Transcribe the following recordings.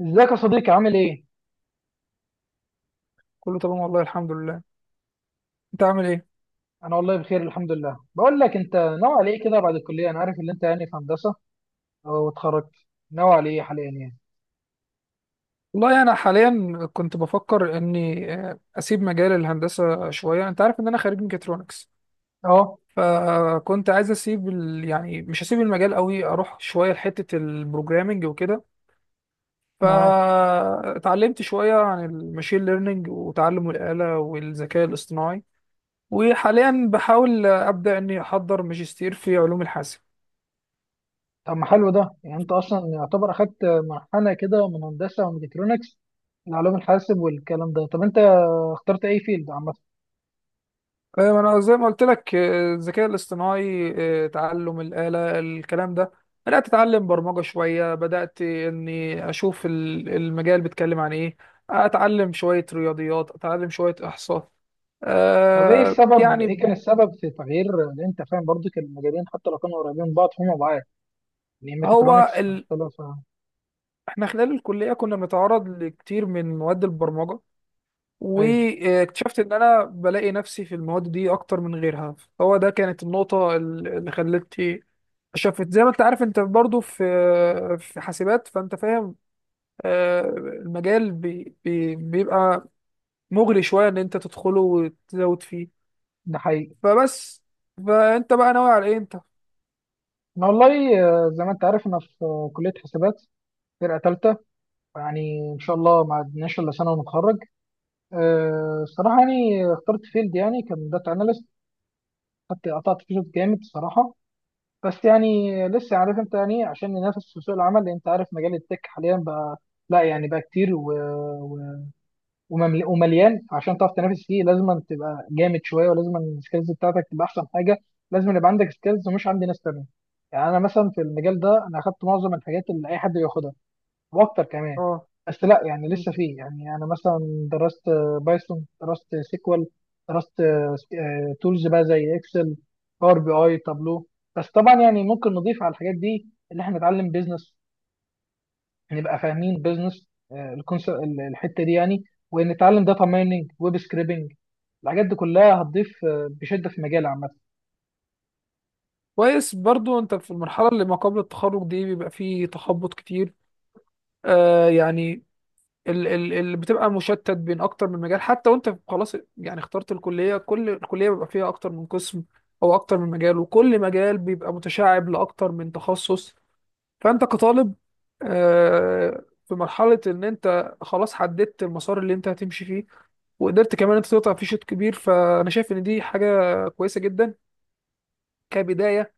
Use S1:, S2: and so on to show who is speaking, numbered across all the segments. S1: ازيك يا صديقي؟ عامل ايه؟
S2: كله تمام والله الحمد لله. انت عامل ايه؟
S1: انا والله بخير، الحمد لله. بقول لك، انت ناوي على ايه كده بعد الكليه؟ انا عارف ان انت في هندسه واتخرجت. ناوي على ايه حاليا
S2: والله انا حاليا كنت بفكر اني اسيب مجال الهندسه شويه. انت عارف ان انا خريج ميكاترونكس،
S1: اه،
S2: فكنت عايز اسيب يعني مش هسيب المجال قوي، اروح شويه لحته البروجرامنج وكده.
S1: معاك.
S2: فاتعلمت شويه عن الماشين ليرنينج وتعلم الاله والذكاء الاصطناعي، وحاليا بحاول ابدا اني احضر ماجستير في علوم الحاسب.
S1: طب ما حلو ده. يعني انت اصلا يعتبر اخدت منحنى كده من هندسه وميكاترونكس لعلوم الحاسب والكلام ده. طب انت اخترت اي فيلد عامه؟
S2: ايوه انا زي ما قلت لك، الذكاء الاصطناعي، تعلم الآلة الكلام ده. بدأت اتعلم برمجة شوية، بدأت اني اشوف المجال بيتكلم عن ايه، اتعلم شوية رياضيات، اتعلم شوية احصاء.
S1: طب ايه السبب، ايه
S2: يعني،
S1: كان السبب في تغيير؟ لان انت فاهم برضو كان المجالين حتى لو كانوا قريبين من بعض هما بعاد، يعني
S2: هو
S1: ميكاترونكس
S2: ال...
S1: مختلفه.
S2: احنا خلال الكلية كنا بنتعرض لكتير من مواد البرمجة،
S1: ايوه.
S2: واكتشفت ان انا بلاقي نفسي في المواد دي اكتر من غيرها. هو ده كانت النقطة اللي خلتني شفت. زي ما انت عارف، انت برضو في، في حاسبات، فانت فاهم. المجال بي بي بيبقى مغري شويه ان انت تدخله وتزود فيه.
S1: ده حقيقي.
S2: فبس، فانت بقى ناوي على ايه انت؟
S1: انا والله، زي ما انت عارف، انا في كليه حسابات، فرقة تالتة، يعني إن شاء الله ما عدناش إلا سنة ونتخرج. أه، الصراحة يعني اخترت فيلد، يعني كان داتا أناليست، خدت قطعت فيه شوط جامد الصراحة. بس يعني لسه، عارف أنت، يعني عشان ننافس في سوق العمل، لأن أنت عارف مجال التك حاليا بقى لا يعني بقى كتير و... ومليان. عشان تعرف تنافس فيه لازم أن تبقى جامد شوية، ولازم أن السكيلز بتاعتك تبقى أحسن حاجة، لازم يبقى عندك سكيلز مش عند ناس تانية. يعني أنا مثلا في المجال ده أنا أخدت معظم الحاجات اللي أي حد بياخدها واكتر كمان.
S2: اه.
S1: بس لا يعني
S2: مم.
S1: لسه فيه، يعني انا مثلا درست بايثون، درست سيكوال، درست تولز بقى زي اكسل، باور بي اي، تابلو. بس طبعا يعني ممكن نضيف على الحاجات دي، اللي احنا نتعلم بيزنس، نبقى فاهمين بيزنس الحته دي يعني، ونتعلم داتا مايننج، ويب سكريبنج. الحاجات دي كلها هتضيف بشده في مجال عامه.
S2: كويس برضو انت في المرحله اللي ما قبل التخرج دي بيبقى فيه تخبط كتير. يعني، ال بتبقى مشتت بين اكتر من مجال. حتى وانت خلاص يعني اخترت الكليه، كل الكليه بيبقى فيها اكتر من قسم او اكتر من مجال، وكل مجال بيبقى متشعب لاكتر من تخصص. فانت كطالب، في مرحله ان انت خلاص حددت المسار اللي انت هتمشي فيه، وقدرت كمان انت تقطع فيه شوط كبير، فانا شايف ان دي حاجه كويسه جدا كبدايه.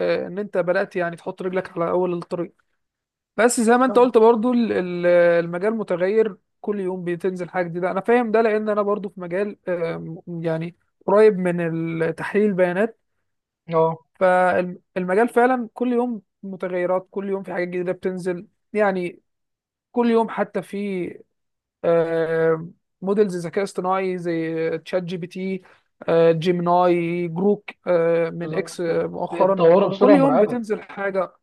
S2: ان انت بدات يعني تحط رجلك على اول الطريق. بس زي ما انت قلت برضو، المجال متغير كل يوم، بتنزل حاجه جديده. انا فاهم ده لان انا برضو في مجال، يعني قريب من تحليل البيانات.
S1: اه،
S2: فالمجال فعلا كل يوم متغيرات، كل يوم في حاجات جديده بتنزل. يعني كل يوم حتى في، آه، موديلز ذكاء اصطناعي زي تشات جي بي تي، جيميناي، جروك من
S1: بالظبط.
S2: اكس مؤخرا.
S1: بتطوره
S2: كل
S1: بسرعه
S2: يوم
S1: مرعبه.
S2: بتنزل حاجة.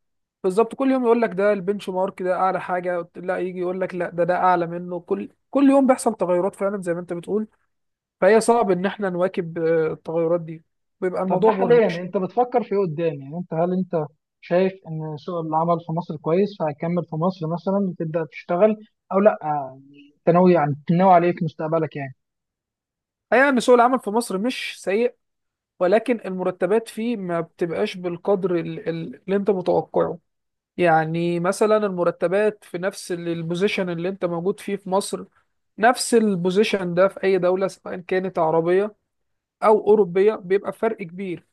S2: بالظبط، كل يوم يقول لك ده البنش مارك، ده اعلى حاجة، لا يجي يقول لك لا ده، ده اعلى منه. كل يوم بيحصل تغيرات فعلا زي ما انت بتقول. فهي صعب ان احنا نواكب التغيرات دي، بيبقى
S1: طب ده
S2: الموضوع مرهق
S1: حاليا
S2: شوية.
S1: انت بتفكر في ايه قدام؟ يعني انت هل انت شايف ان سوق العمل في مصر كويس فهتكمل في مصر مثلا وتبدا تشتغل، او لا؟ يعني انت ناوي، يعني ناوي على ايه في مستقبلك يعني؟
S2: الحقيقة ان سوق العمل في مصر مش سيء، ولكن المرتبات فيه ما بتبقاش بالقدر اللي انت متوقعه. يعني مثلا المرتبات في نفس البوزيشن اللي انت موجود فيه في مصر، نفس البوزيشن ده في اي دولة سواء كانت عربية او اوروبية، بيبقى فرق كبير.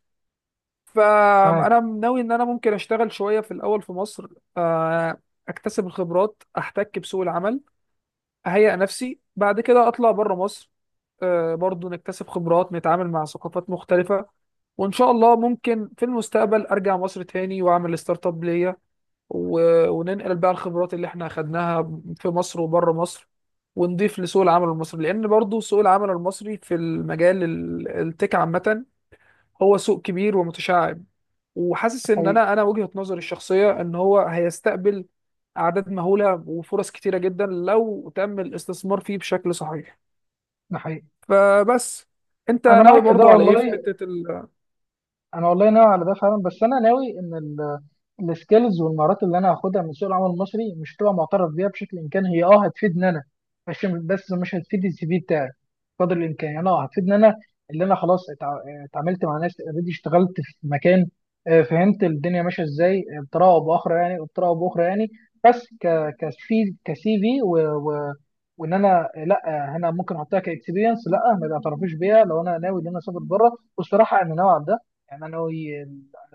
S2: فانا
S1: معاك.
S2: ناوي ان انا ممكن اشتغل شوية في الاول في مصر، آه، اكتسب الخبرات، احتك بسوق العمل، اهيئ نفسي، بعد كده اطلع بره مصر، برضو نكتسب خبرات، نتعامل مع ثقافات مختلفة. وان شاء الله ممكن في المستقبل ارجع مصر تاني واعمل ستارت اب ليا، وننقل بقى الخبرات اللي احنا اخدناها في مصر وبره مصر ونضيف لسوق العمل المصري. لان برضو سوق العمل المصري في المجال التك عامة، هو سوق كبير ومتشعب،
S1: ده
S2: وحاسس ان انا
S1: حقيقي.
S2: انا وجهة نظري الشخصية ان هو هيستقبل اعداد مهولة وفرص كتيرة جدا لو تم الاستثمار فيه بشكل صحيح.
S1: ده حقيقي.
S2: فبس، انت
S1: انا
S2: ناوي
S1: معاك في ده
S2: برضو على ايه في
S1: والله.
S2: حتة
S1: انا والله ناوي على ده فعلا، بس انا ناوي ان السكيلز والمهارات اللي انا هاخدها من سوق العمل المصري مش هتبقى معترف بيها بشكل. امكان هي اه هتفيدني انا، بس مش هتفيد السي في بتاعي. قدر الامكان يعني اه هتفيدني انا، اللي انا خلاص اتعاملت مع ناس اوريدي، اشتغلت في مكان، فهمت الدنيا ماشيه ازاي، بطريقه او باخرى يعني، بطريقه او باخرى يعني. بس ك كسي كسي في و... و... وان انا لا، انا ممكن احطها كاكسبيرينس، لا ما بيعترفوش بيها لو انا ناوي ان انا اسافر بره، والصراحه انا ناوي على ده. يعني انا ناوي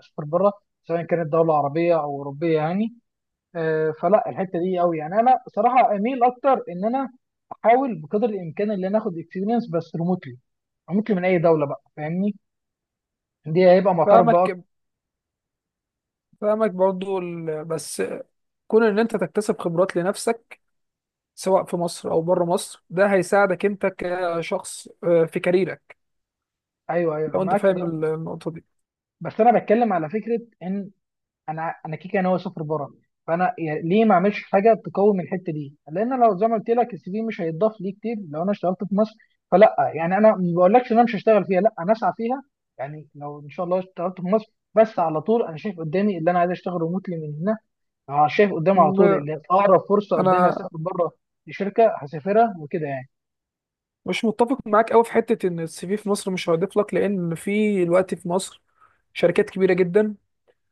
S1: اسافر بره سواء كانت دوله عربيه او اوروبيه يعني. فلا الحته دي قوي، يعني انا بصراحه اميل اكتر ان انا احاول بقدر الامكان ان انا اخد اكسبيرينس بس ريموتلي. ريموتلي من اي دوله بقى، فاهمني؟ دي هيبقى معترف بقى أكتر.
S2: فاهمك، فاهمك برضو بس كون ان انت تكتسب خبرات لنفسك سواء في مصر او بره مصر، ده هيساعدك انت كشخص في كاريرك.
S1: ايوه ايوه
S2: لو
S1: انا
S2: انت
S1: معاك في
S2: فاهم
S1: ده،
S2: النقطه دي.
S1: بس انا بتكلم على فكره ان انا كيكا ناوي اسافر بره، ليه ما اعملش حاجه تقوم الحته دي؟ لان لو زي ما قلت لك السي في مش هيتضاف ليه كتير لو انا اشتغلت في مصر. فلا يعني انا ما بقولكش ان انا مش هشتغل فيها، لا انا اسعى فيها، يعني لو ان شاء الله اشتغلت في مصر، بس على طول انا شايف قدامي اللي انا عايز اشتغل ريموتلي من هنا. أنا شايف قدامي على طول
S2: م-
S1: اللي اقرب فرصه قدامي
S2: انا
S1: اسافر بره لشركه هسافرها وكده يعني.
S2: مش متفق معاك قوي في حته ان السي في في مصر مش هيضيف لك، لان في الوقت في مصر شركات كبيره جدا.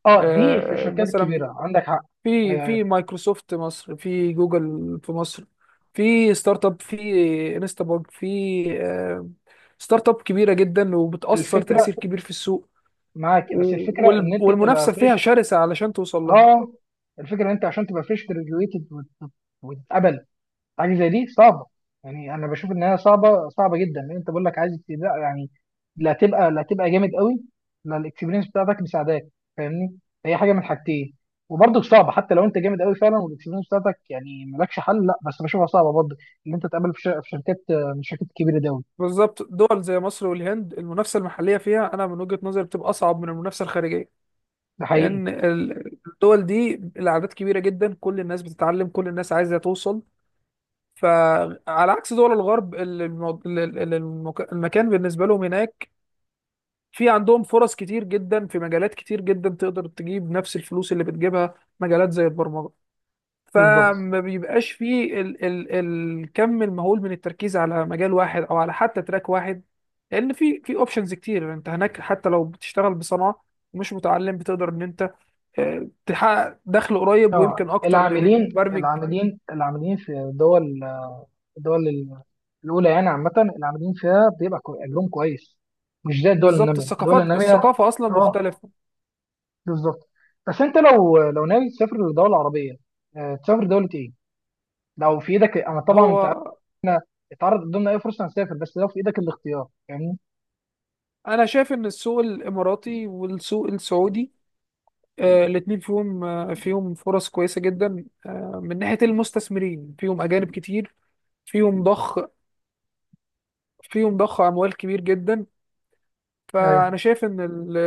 S1: اه، دي في الشركات
S2: مثلا
S1: الكبيره عندك حق.
S2: في،
S1: آه،
S2: في مايكروسوفت مصر، في جوجل في مصر، في ستارت اب، في انستاباج، في آه، ستارت اب كبيره جدا وبتاثر
S1: الفكره
S2: تاثير كبير في السوق.
S1: معاك، بس الفكره ان انت تبقى
S2: والمنافسه فيها
S1: فريش.
S2: شرسه علشان توصل لها.
S1: اه، الفكره ان انت عشان تبقى فريش جراديويتد وتتقبل حاجه زي دي صعبه. يعني انا بشوف ان هي صعبه، صعبه جدا، لان انت بقول لك عايز تبقى، يعني لا تبقى، لا تبقى جامد قوي، لا الاكسبيرينس بتاعتك مساعداك، فاهمني؟ هي حاجه من حاجتين. وبرضك صعبه حتى لو انت جامد قوي فعلا والاكسبيرينس بتاعتك، يعني مالكش حل، لا بس بشوفها صعبه برضه ان انت تقابل في شركات من الشركات الكبيره دي أوي.
S2: بالظبط، دول زي مصر والهند المنافسة المحلية فيها، أنا من وجهة نظري بتبقى أصعب من المنافسة الخارجية،
S1: ده حقيقي.
S2: لأن الدول دي الأعداد كبيرة جدا، كل الناس بتتعلم، كل الناس عايزة توصل. فعلى عكس دول الغرب، المكان بالنسبة لهم هناك في عندهم فرص كتير جدا، في مجالات كتير جدا تقدر تجيب نفس الفلوس اللي بتجيبها، مجالات زي البرمجة.
S1: بالظبط.
S2: فما بيبقاش فيه ال ال الكم المهول من التركيز على مجال واحد او على حتى تراك واحد، لان في، في اوبشنز كتير انت هناك. حتى لو بتشتغل بصنعه ومش متعلم، بتقدر ان انت تحقق دخل قريب
S1: اه،
S2: ويمكن اكتر من
S1: العاملين
S2: المبرمج.
S1: العاملين العاملين في دول، الدول ال- الأولى يعني عامة، اللي عاملين فيها بيبقى أجرهم كويس، مش زي الدول
S2: بالظبط،
S1: النامية، الدول النامية.
S2: الثقافه اصلا
S1: اه،
S2: مختلفه.
S1: بالظبط. بس أنت لو لو ناوي تسافر لدولة عربية، تسافر دولة إيه؟ لو في إيدك، أنا
S2: هو
S1: طبعا أنت اتعرض قدامنا أي فرصة هنسافر، بس لو في إيدك الاختيار فاهمني؟
S2: انا شايف ان السوق الاماراتي والسوق السعودي، الاتنين فيهم، فيهم فرص كويسه جدا. من ناحيه المستثمرين فيهم اجانب كتير، فيهم ضخ، فيهم ضخ اموال كبير جدا.
S1: ايوه.
S2: فانا شايف ان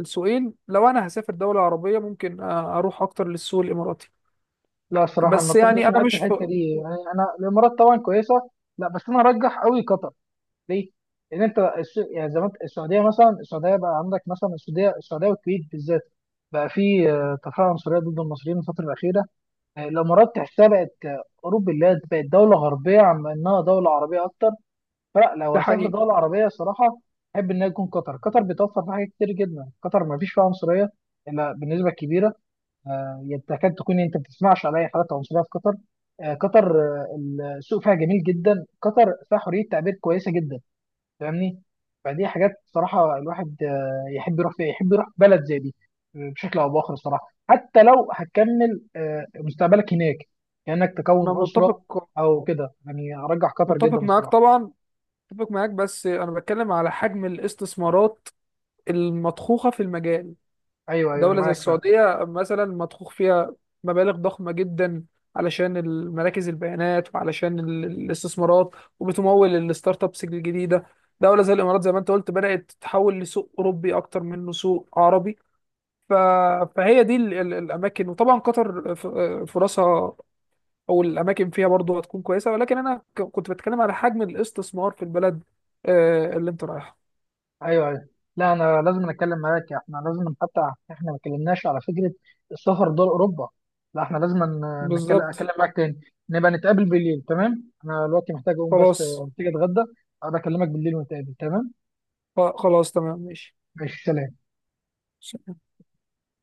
S2: السوقين، لو انا هسافر دوله عربيه ممكن اروح اكتر للسوق الاماراتي.
S1: لا الصراحة أنا ما
S2: بس يعني
S1: اتفقش
S2: انا
S1: معاك في
S2: مش
S1: الحتة دي، يعني أنا الإمارات طبعا كويسة، لا بس أنا أرجح أوي قطر. ليه؟ لان انت يعني زي ما انت، السعوديه مثلا، السعوديه بقى عندك مثلا، السعوديه، السعوديه والكويت بالذات بقى في تفاعل عنصريه ضد المصريين الفتره الاخيره. الامارات تحسها بقت اوروبا، اللي هي بقت دوله غربيه عم انها دوله عربيه اكتر. فلا لو
S2: ده
S1: هسافر
S2: حقيقي.
S1: دوله عربيه صراحه احب انها تكون قطر. قطر بتوفر فيها حاجات كتير جدا، قطر ما فيش فيها عنصريه الا بالنسبه كبيره. يعني تكاد تكون انت ما بتسمعش على اي حالات عنصريه في قطر. قطر، السوق فيها جميل جدا، قطر فيها حريه تعبير كويسه جدا، فاهمني؟ فدي حاجات صراحة الواحد يحب يروح فيها، يحب يروح بلد زي دي. بشكل أو بآخر الصراحة، حتى لو هتكمل مستقبلك هناك، كأنك
S2: انا
S1: تكون أسرة
S2: متفق،
S1: أو كده يعني. أرجح قطر جدا
S2: متفق معاك
S1: الصراحة.
S2: طبعا. متفق معاك بس انا بتكلم على حجم الاستثمارات المضخوخه في المجال.
S1: أيوه أيوه، أنا
S2: دولة زي
S1: معاك فعلا.
S2: السعودية مثلا مضخوخ فيها مبالغ ضخمة جدا علشان المراكز البيانات، وعلشان الاستثمارات، وبتمول الستارت ابس الجديدة. دولة زي الإمارات زي ما أنت قلت بدأت تتحول لسوق أوروبي أكتر منه سوق عربي. ف... فهي دي الأماكن، وطبعا قطر فرصها أو الأماكن فيها برضه هتكون كويسة، ولكن أنا كنت بتكلم على حجم الاستثمار في البلد اللي أنت رايحها.
S1: أيوه أيوه. لا أنا لازم أتكلم معاك، إحنا لازم، حتى إحنا ما اتكلمناش على فكرة السفر دول أوروبا. لا إحنا لازم نتكلم،
S2: بالظبط.
S1: أتكلم معاك تاني، نبقى نتقابل بالليل، تمام؟ أنا دلوقتي محتاج أقوم، بس
S2: خلاص،
S1: محتاج أتغدى. أبقى أكلمك بالليل ونتقابل، تمام؟
S2: خلاص تمام.
S1: ماشي، سلام.
S2: ماشي.